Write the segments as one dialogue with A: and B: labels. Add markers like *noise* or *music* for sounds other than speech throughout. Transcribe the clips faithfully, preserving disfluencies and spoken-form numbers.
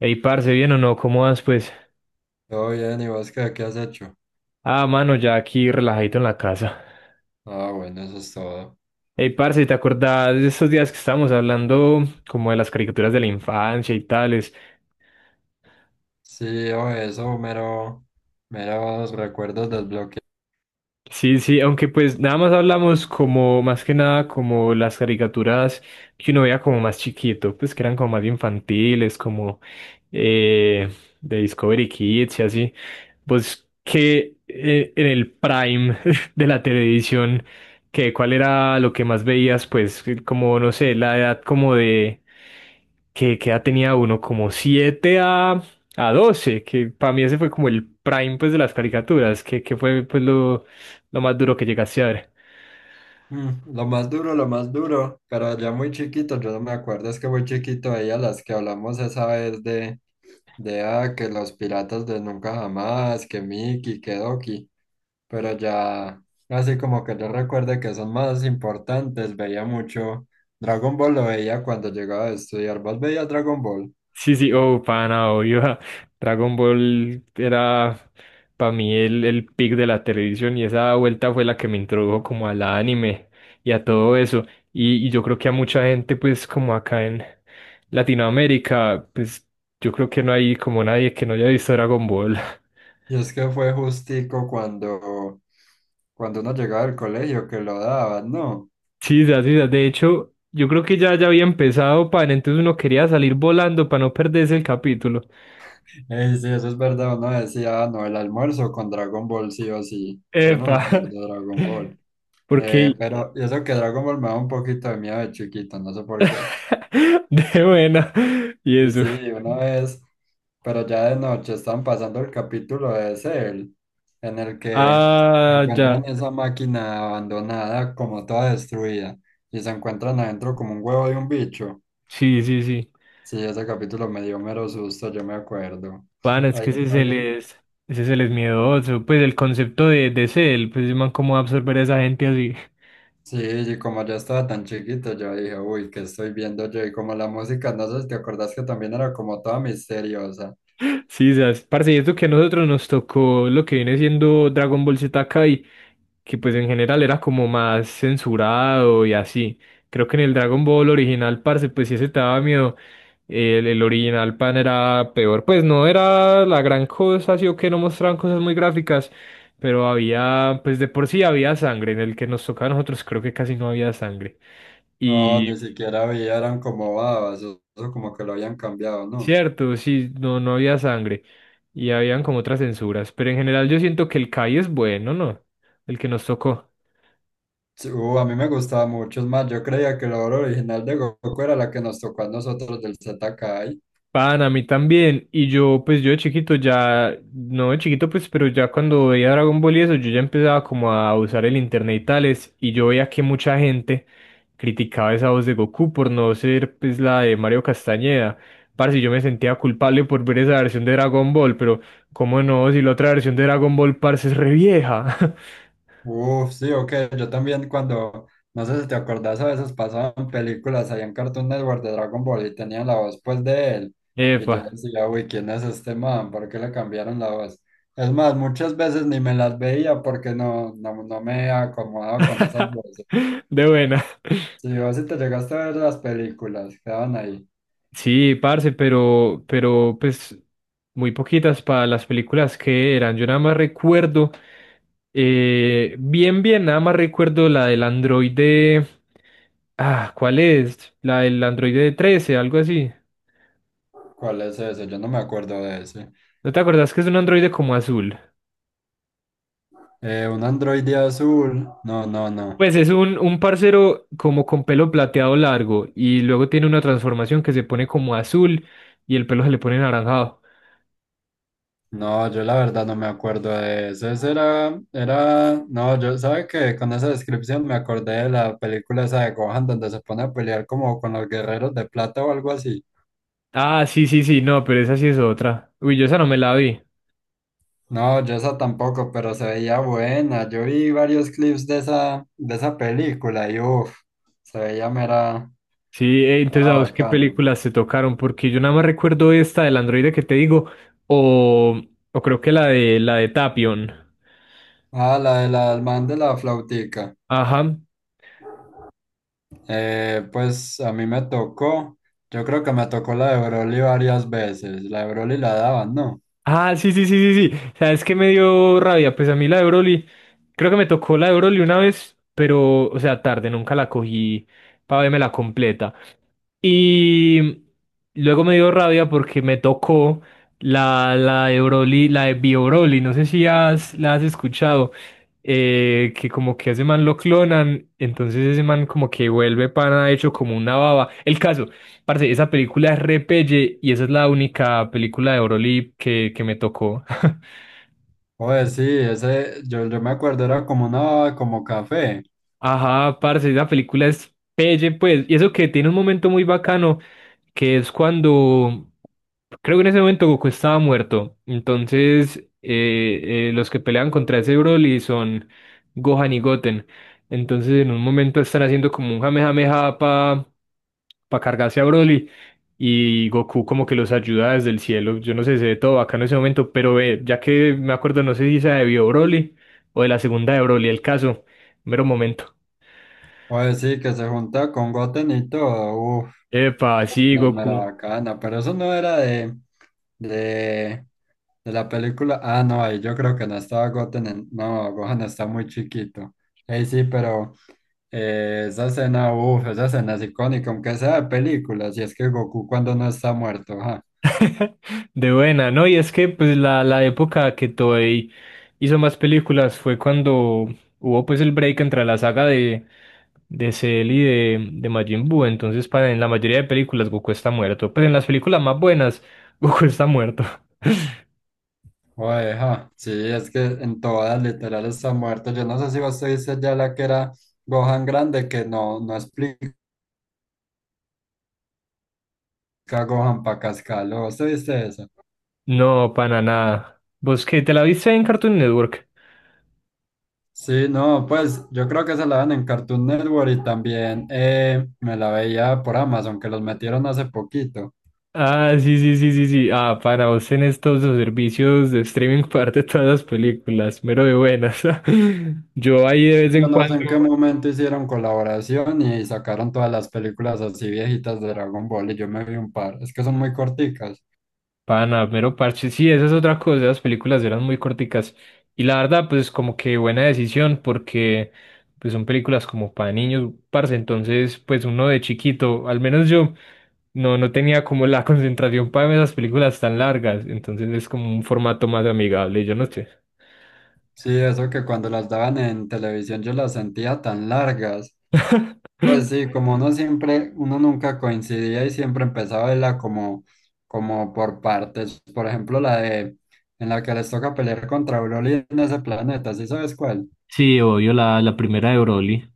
A: Ey, parce, ¿bien o no? ¿Cómo vas, pues?
B: Todo bien, ¿y vos qué, qué has hecho?
A: Ah, mano, ya aquí relajadito en la casa.
B: Ah, bueno, eso es todo.
A: Ey, parce, ¿te acordás de esos días que estábamos hablando como de las caricaturas de la infancia y tal?
B: Sí, o eso, mero, meros recuerdos del bloque.
A: Sí, sí, aunque pues nada más hablamos como, más que nada, como las caricaturas que uno veía como más chiquito, pues que eran como más infantiles, como eh, de Discovery Kids y así. Pues que eh, en el prime *laughs* de la televisión, que cuál era lo que más veías, pues que como, no sé, la edad como de, que, que edad tenía uno, como siete a, a doce, que para mí ese fue como el prime pues de las caricaturas, que, que fue pues lo lo más duro que llegaste a ver.
B: Mm, lo más duro, lo más duro, pero ya muy chiquito, yo no me acuerdo, es que muy chiquito veía las que hablamos esa vez de, de ah, que los piratas de Nunca Jamás, que Mickey, que Doki, pero ya, así como que yo recuerde que son más importantes, veía mucho Dragon Ball, lo veía cuando llegaba a estudiar. ¿Vos veías Dragon Ball?
A: Sí, sí, oh, pana, obvio. *laughs* ja. Dragon Ball era para mí el, el pick de la televisión y esa vuelta fue la que me introdujo como al anime y a todo eso. Y, y yo creo que a mucha gente, pues como acá en Latinoamérica, pues yo creo que no hay como nadie que no haya visto Dragon Ball. *laughs*
B: Y es que fue justico cuando, cuando uno llegaba del colegio que lo daban, ¿no?
A: Sí, sí, sí, de hecho, yo creo que ya, ya había empezado, pan, entonces uno quería salir volando para no perderse el capítulo.
B: Ey, sí, eso es verdad, uno decía, "Ah, no, el almuerzo con Dragon Ball sí o sí". Yo no me acuerdo
A: Epa.
B: de Dragon
A: *laughs*
B: Ball.
A: Porque
B: Eh, pero y eso que Dragon Ball me da un poquito de miedo de chiquito, no sé por qué.
A: *laughs* de buena. Y
B: Y
A: eso.
B: sí, una vez, pero ya de noche están pasando el capítulo de Cell, en el que
A: Ah, ya.
B: encuentran esa máquina abandonada como toda destruida y se encuentran adentro como un huevo de un bicho.
A: Sí, sí, sí.
B: Sí, ese capítulo me dio mero susto, yo me acuerdo.
A: Pana,
B: *laughs*
A: es
B: Ahí
A: que ese se
B: apagué.
A: les, ese se les miedoso. Pues el concepto de, de cel, pues man, cómo va a absorber a esa gente así. *laughs*
B: Sí, y como yo estaba tan chiquito, yo dije, uy, ¿qué estoy viendo yo? Y como la música, no sé si te acordás que también era como toda misteriosa.
A: Sí, sabes. Parce, y esto que a nosotros nos tocó lo que viene siendo Dragon Ball Z que pues en general era como más censurado y así. Creo que en el Dragon Ball original, parce, pues si ese te daba miedo, el, el original pan era peor. Pues no era la gran cosa, sí o que no mostraban cosas muy gráficas, pero había, pues de por sí había sangre. En el que nos tocaba a nosotros creo que casi no había sangre.
B: No,
A: Y
B: ni siquiera había, eran como babas, eso eso como que lo habían cambiado, ¿no?
A: cierto, sí, no, no había sangre. Y habían como otras censuras. Pero en general yo siento que el Kai es bueno, ¿no? El que nos tocó.
B: Sí, uh, a mí me gustaba mucho, es más, yo creía que la obra original de Goku era la que nos tocó a nosotros del Z K.
A: Pan, a mí también. Y yo, pues yo de chiquito ya, no de chiquito, pues, pero ya cuando veía Dragon Ball y eso, yo ya empezaba como a usar el internet y tales, y yo veía que mucha gente criticaba esa voz de Goku por no ser, pues, la de Mario Castañeda. Parce, yo me sentía culpable por ver esa versión de Dragon Ball, pero ¿cómo no? Si la otra versión de Dragon Ball, parce, es re vieja.
B: Uf, sí, ok. Yo también cuando, no sé si te acordás, a veces pasaban películas ahí en Cartoon Network de Dragon Ball y tenían la voz pues de él.
A: *laughs*
B: Y yo
A: Epa.
B: decía, uy, ¿quién es este man? ¿Por qué le cambiaron la voz? Es más, muchas veces ni me las veía porque no, no, no me acomodaba con esas
A: *laughs*
B: voces.
A: De buena.
B: Si vos sí te llegaste a ver las películas, quedaban ahí.
A: Sí, parce, pero, pero pues muy poquitas para las películas que eran. Yo nada más recuerdo, eh, bien, bien, nada más recuerdo la del androide. Ah, ¿cuál es? La del androide trece, algo así.
B: ¿Cuál es ese? Yo no me acuerdo de ese.
A: ¿No te acordás que es un androide como azul?
B: Eh, un androide azul. No, no, no.
A: Pues es un, un parcero como con pelo plateado largo y luego tiene una transformación que se pone como azul y el pelo se le pone naranjado.
B: No, yo la verdad no me acuerdo de eso. Eso era, era, no, yo, ¿Sabe que con esa descripción me acordé de la película esa de Gohan donde se pone a pelear como con los guerreros de plata o algo así?
A: Ah, sí, sí, sí, no, pero esa sí es otra. Uy, yo esa no me la vi.
B: No, yo esa tampoco, pero se veía buena. Yo vi varios clips de esa, de esa película y uff, se veía mera,
A: Sí, eh,
B: mera
A: entonces a vos qué
B: bacano.
A: películas se tocaron, porque yo nada más recuerdo esta del androide que te digo, o, o creo que la de la de Tapion.
B: Ah, la de la, el man de la flautica.
A: Ajá.
B: Eh, pues a mí me tocó, yo creo que me tocó la de Broly varias veces. La de Broly la daban, ¿no?
A: Ah, sí, sí, sí, sí, sí. ¿Sabes qué me dio rabia? Pues a mí la de Broly, creo que me tocó la de Broly una vez, pero, o sea, tarde, nunca la cogí para verme la completa. Y luego me dio rabia porque me tocó la, la de Broly, la de Bio Broly, no sé si has, la has escuchado, eh, que como que a ese man lo clonan, entonces ese man como que vuelve pana hecho como una baba. El caso, parce, esa película es repelle y esa es la única película de Broly que, que me tocó. *laughs*
B: Oye, sí, ese, yo, yo me acuerdo, era como una, como café.
A: Ajá, parce, esa película es pelle, pues, y eso que tiene un momento muy bacano que es cuando, creo que en ese momento Goku estaba muerto, entonces eh, eh, los que pelean contra ese Broly son Gohan y Goten, entonces en un momento están haciendo como un jamejameja para cargarse a Broly y Goku como que los ayuda desde el cielo, yo no sé, se ve todo acá en ese momento, pero ve ya que me acuerdo, no sé si se debió Broly o de la segunda de Broly, el caso, mero momento.
B: Oye, sí, que se junta con Goten y todo. Uf,
A: Epa,
B: es
A: sí,
B: una mera
A: Goku.
B: bacana. Pero eso no era de, de, de la película. Ah, no, ahí yo creo que no estaba Goten. En- no, Gohan está muy chiquito. Ey, sí, pero eh, esa escena, uf, esa escena es icónica, aunque sea de película. Si es que Goku cuando no está muerto, ajá.
A: *laughs* De buena, ¿no? Y es que pues la, la época que Toei hizo más películas fue cuando hubo pues el break entre la saga de, de Cell y de, de Majin Buu. Entonces, para, en la mayoría de películas Goku está muerto. Pero en las películas más buenas, *laughs* Goku está muerto. *laughs*
B: Oeja, sí, es que en todas literal está muerto. Yo no sé si vos te viste ya la que era Gohan grande, que no, no explica Gohan pa' cascarlo. ¿Vos te viste eso?
A: No, para nada. ¿Vos qué? ¿Te la viste en Cartoon Network?
B: Sí, no, pues yo creo que se la dan en Cartoon Network y también eh, me la veía por Amazon, que los metieron hace poquito.
A: Ah, sí, sí, sí, sí, sí. Ah, para vos tenés todos los servicios de streaming *laughs* parte de todas las películas, mero de buenas. *laughs* Yo ahí de
B: Sí,
A: vez en
B: yo no
A: cuando.
B: sé en qué momento hicieron colaboración y sacaron todas las películas así viejitas de Dragon Ball y yo me vi un par. Es que son muy corticas.
A: Pana, mero parche. Sí, esa es otra cosa. Las películas eran muy corticas. Y la verdad, pues como que buena decisión, porque pues son películas como para niños, parce. Entonces, pues uno de chiquito, al menos yo, no, no tenía como la *laughs* concentración para ver esas películas tan largas. Entonces es como un formato más amigable, yo no sé.
B: Sí, eso que cuando las daban en televisión yo las sentía tan largas. Pues sí, como uno siempre, uno nunca coincidía y siempre empezaba a verla como, como por partes. Por ejemplo, la de en la que les toca pelear contra Broly en ese planeta, ¿sí sabes cuál?
A: Sí, obvio, la, la primera de Broly.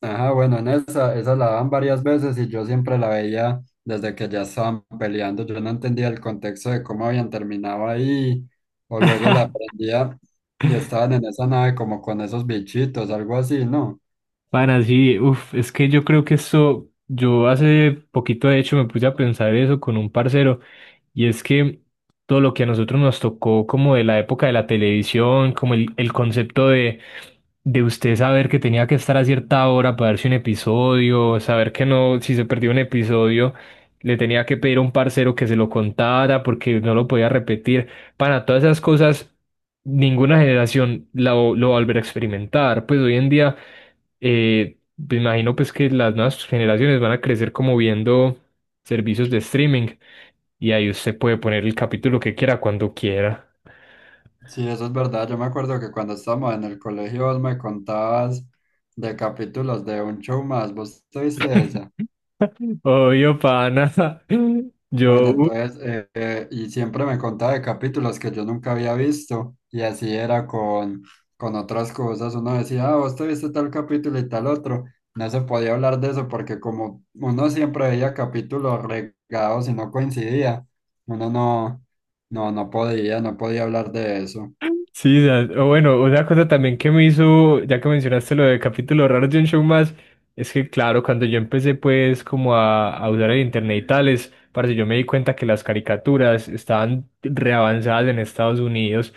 B: Ajá, bueno, en esa, esa la daban varias veces y yo siempre la veía desde que ya estaban peleando. Yo no entendía el contexto de cómo habían terminado ahí, o luego la aprendía y estaban en esa nave como con esos bichitos, algo así, ¿no?
A: Bueno, sí, uf, es que yo creo que esto, yo hace poquito de hecho me puse a pensar eso con un parcero, y es que todo lo que a nosotros nos tocó como de la época de la televisión, como el, el concepto de, de usted saber que tenía que estar a cierta hora para verse un episodio, saber que no, si se perdió un episodio, le tenía que pedir a un parcero que se lo contara porque no lo podía repetir, para todas esas cosas ninguna generación la, vo- lo va a volver a experimentar. Pues hoy en día, eh, me imagino pues que las nuevas generaciones van a crecer como viendo servicios de streaming y ahí usted puede poner el capítulo que quiera cuando quiera.
B: Sí, eso es verdad. Yo me acuerdo que cuando estábamos en el colegio vos me contabas de capítulos de un show más. ¿Vos te viste esa?
A: *laughs* Obvio, pana. *laughs*
B: Bueno,
A: Yo,
B: entonces, eh, eh, y siempre me contaba de capítulos que yo nunca había visto. Y así era con, con otras cosas. Uno decía, ah, vos te viste tal capítulo y tal otro. No se podía hablar de eso porque como uno siempre veía capítulos regados y no coincidía, uno no, no, no podía, no podía hablar de eso.
A: sí, o sea, o bueno, otra cosa también que me hizo, ya que mencionaste lo de capítulos raros de un show más, es que claro, cuando yo empecé pues como a, a usar el internet y tales, parce, yo me di cuenta que las caricaturas estaban reavanzadas en Estados Unidos.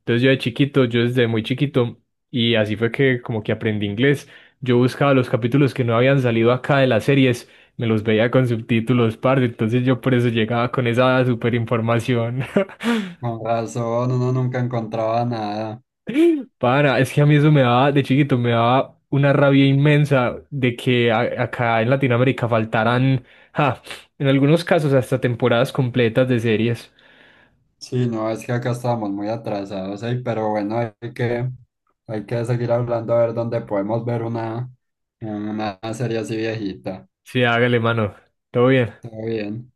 A: Entonces yo de chiquito, yo desde muy chiquito, y así fue que como que aprendí inglés, yo buscaba los capítulos que no habían salido acá de las series, me los veía con subtítulos, parce, entonces yo por eso llegaba con esa super información. *laughs*
B: Con razón, uno nunca encontraba nada.
A: Para es que a mí eso me daba, de chiquito, me daba una rabia inmensa de que a- acá en Latinoamérica faltaran, ja, en algunos casos hasta temporadas completas de series.
B: Sí, no, es que acá estamos muy atrasados, ey, pero bueno, hay que, hay que seguir hablando a ver dónde podemos ver una, una serie así viejita.
A: Sí, hágale, mano. Todo bien.
B: Todo bien.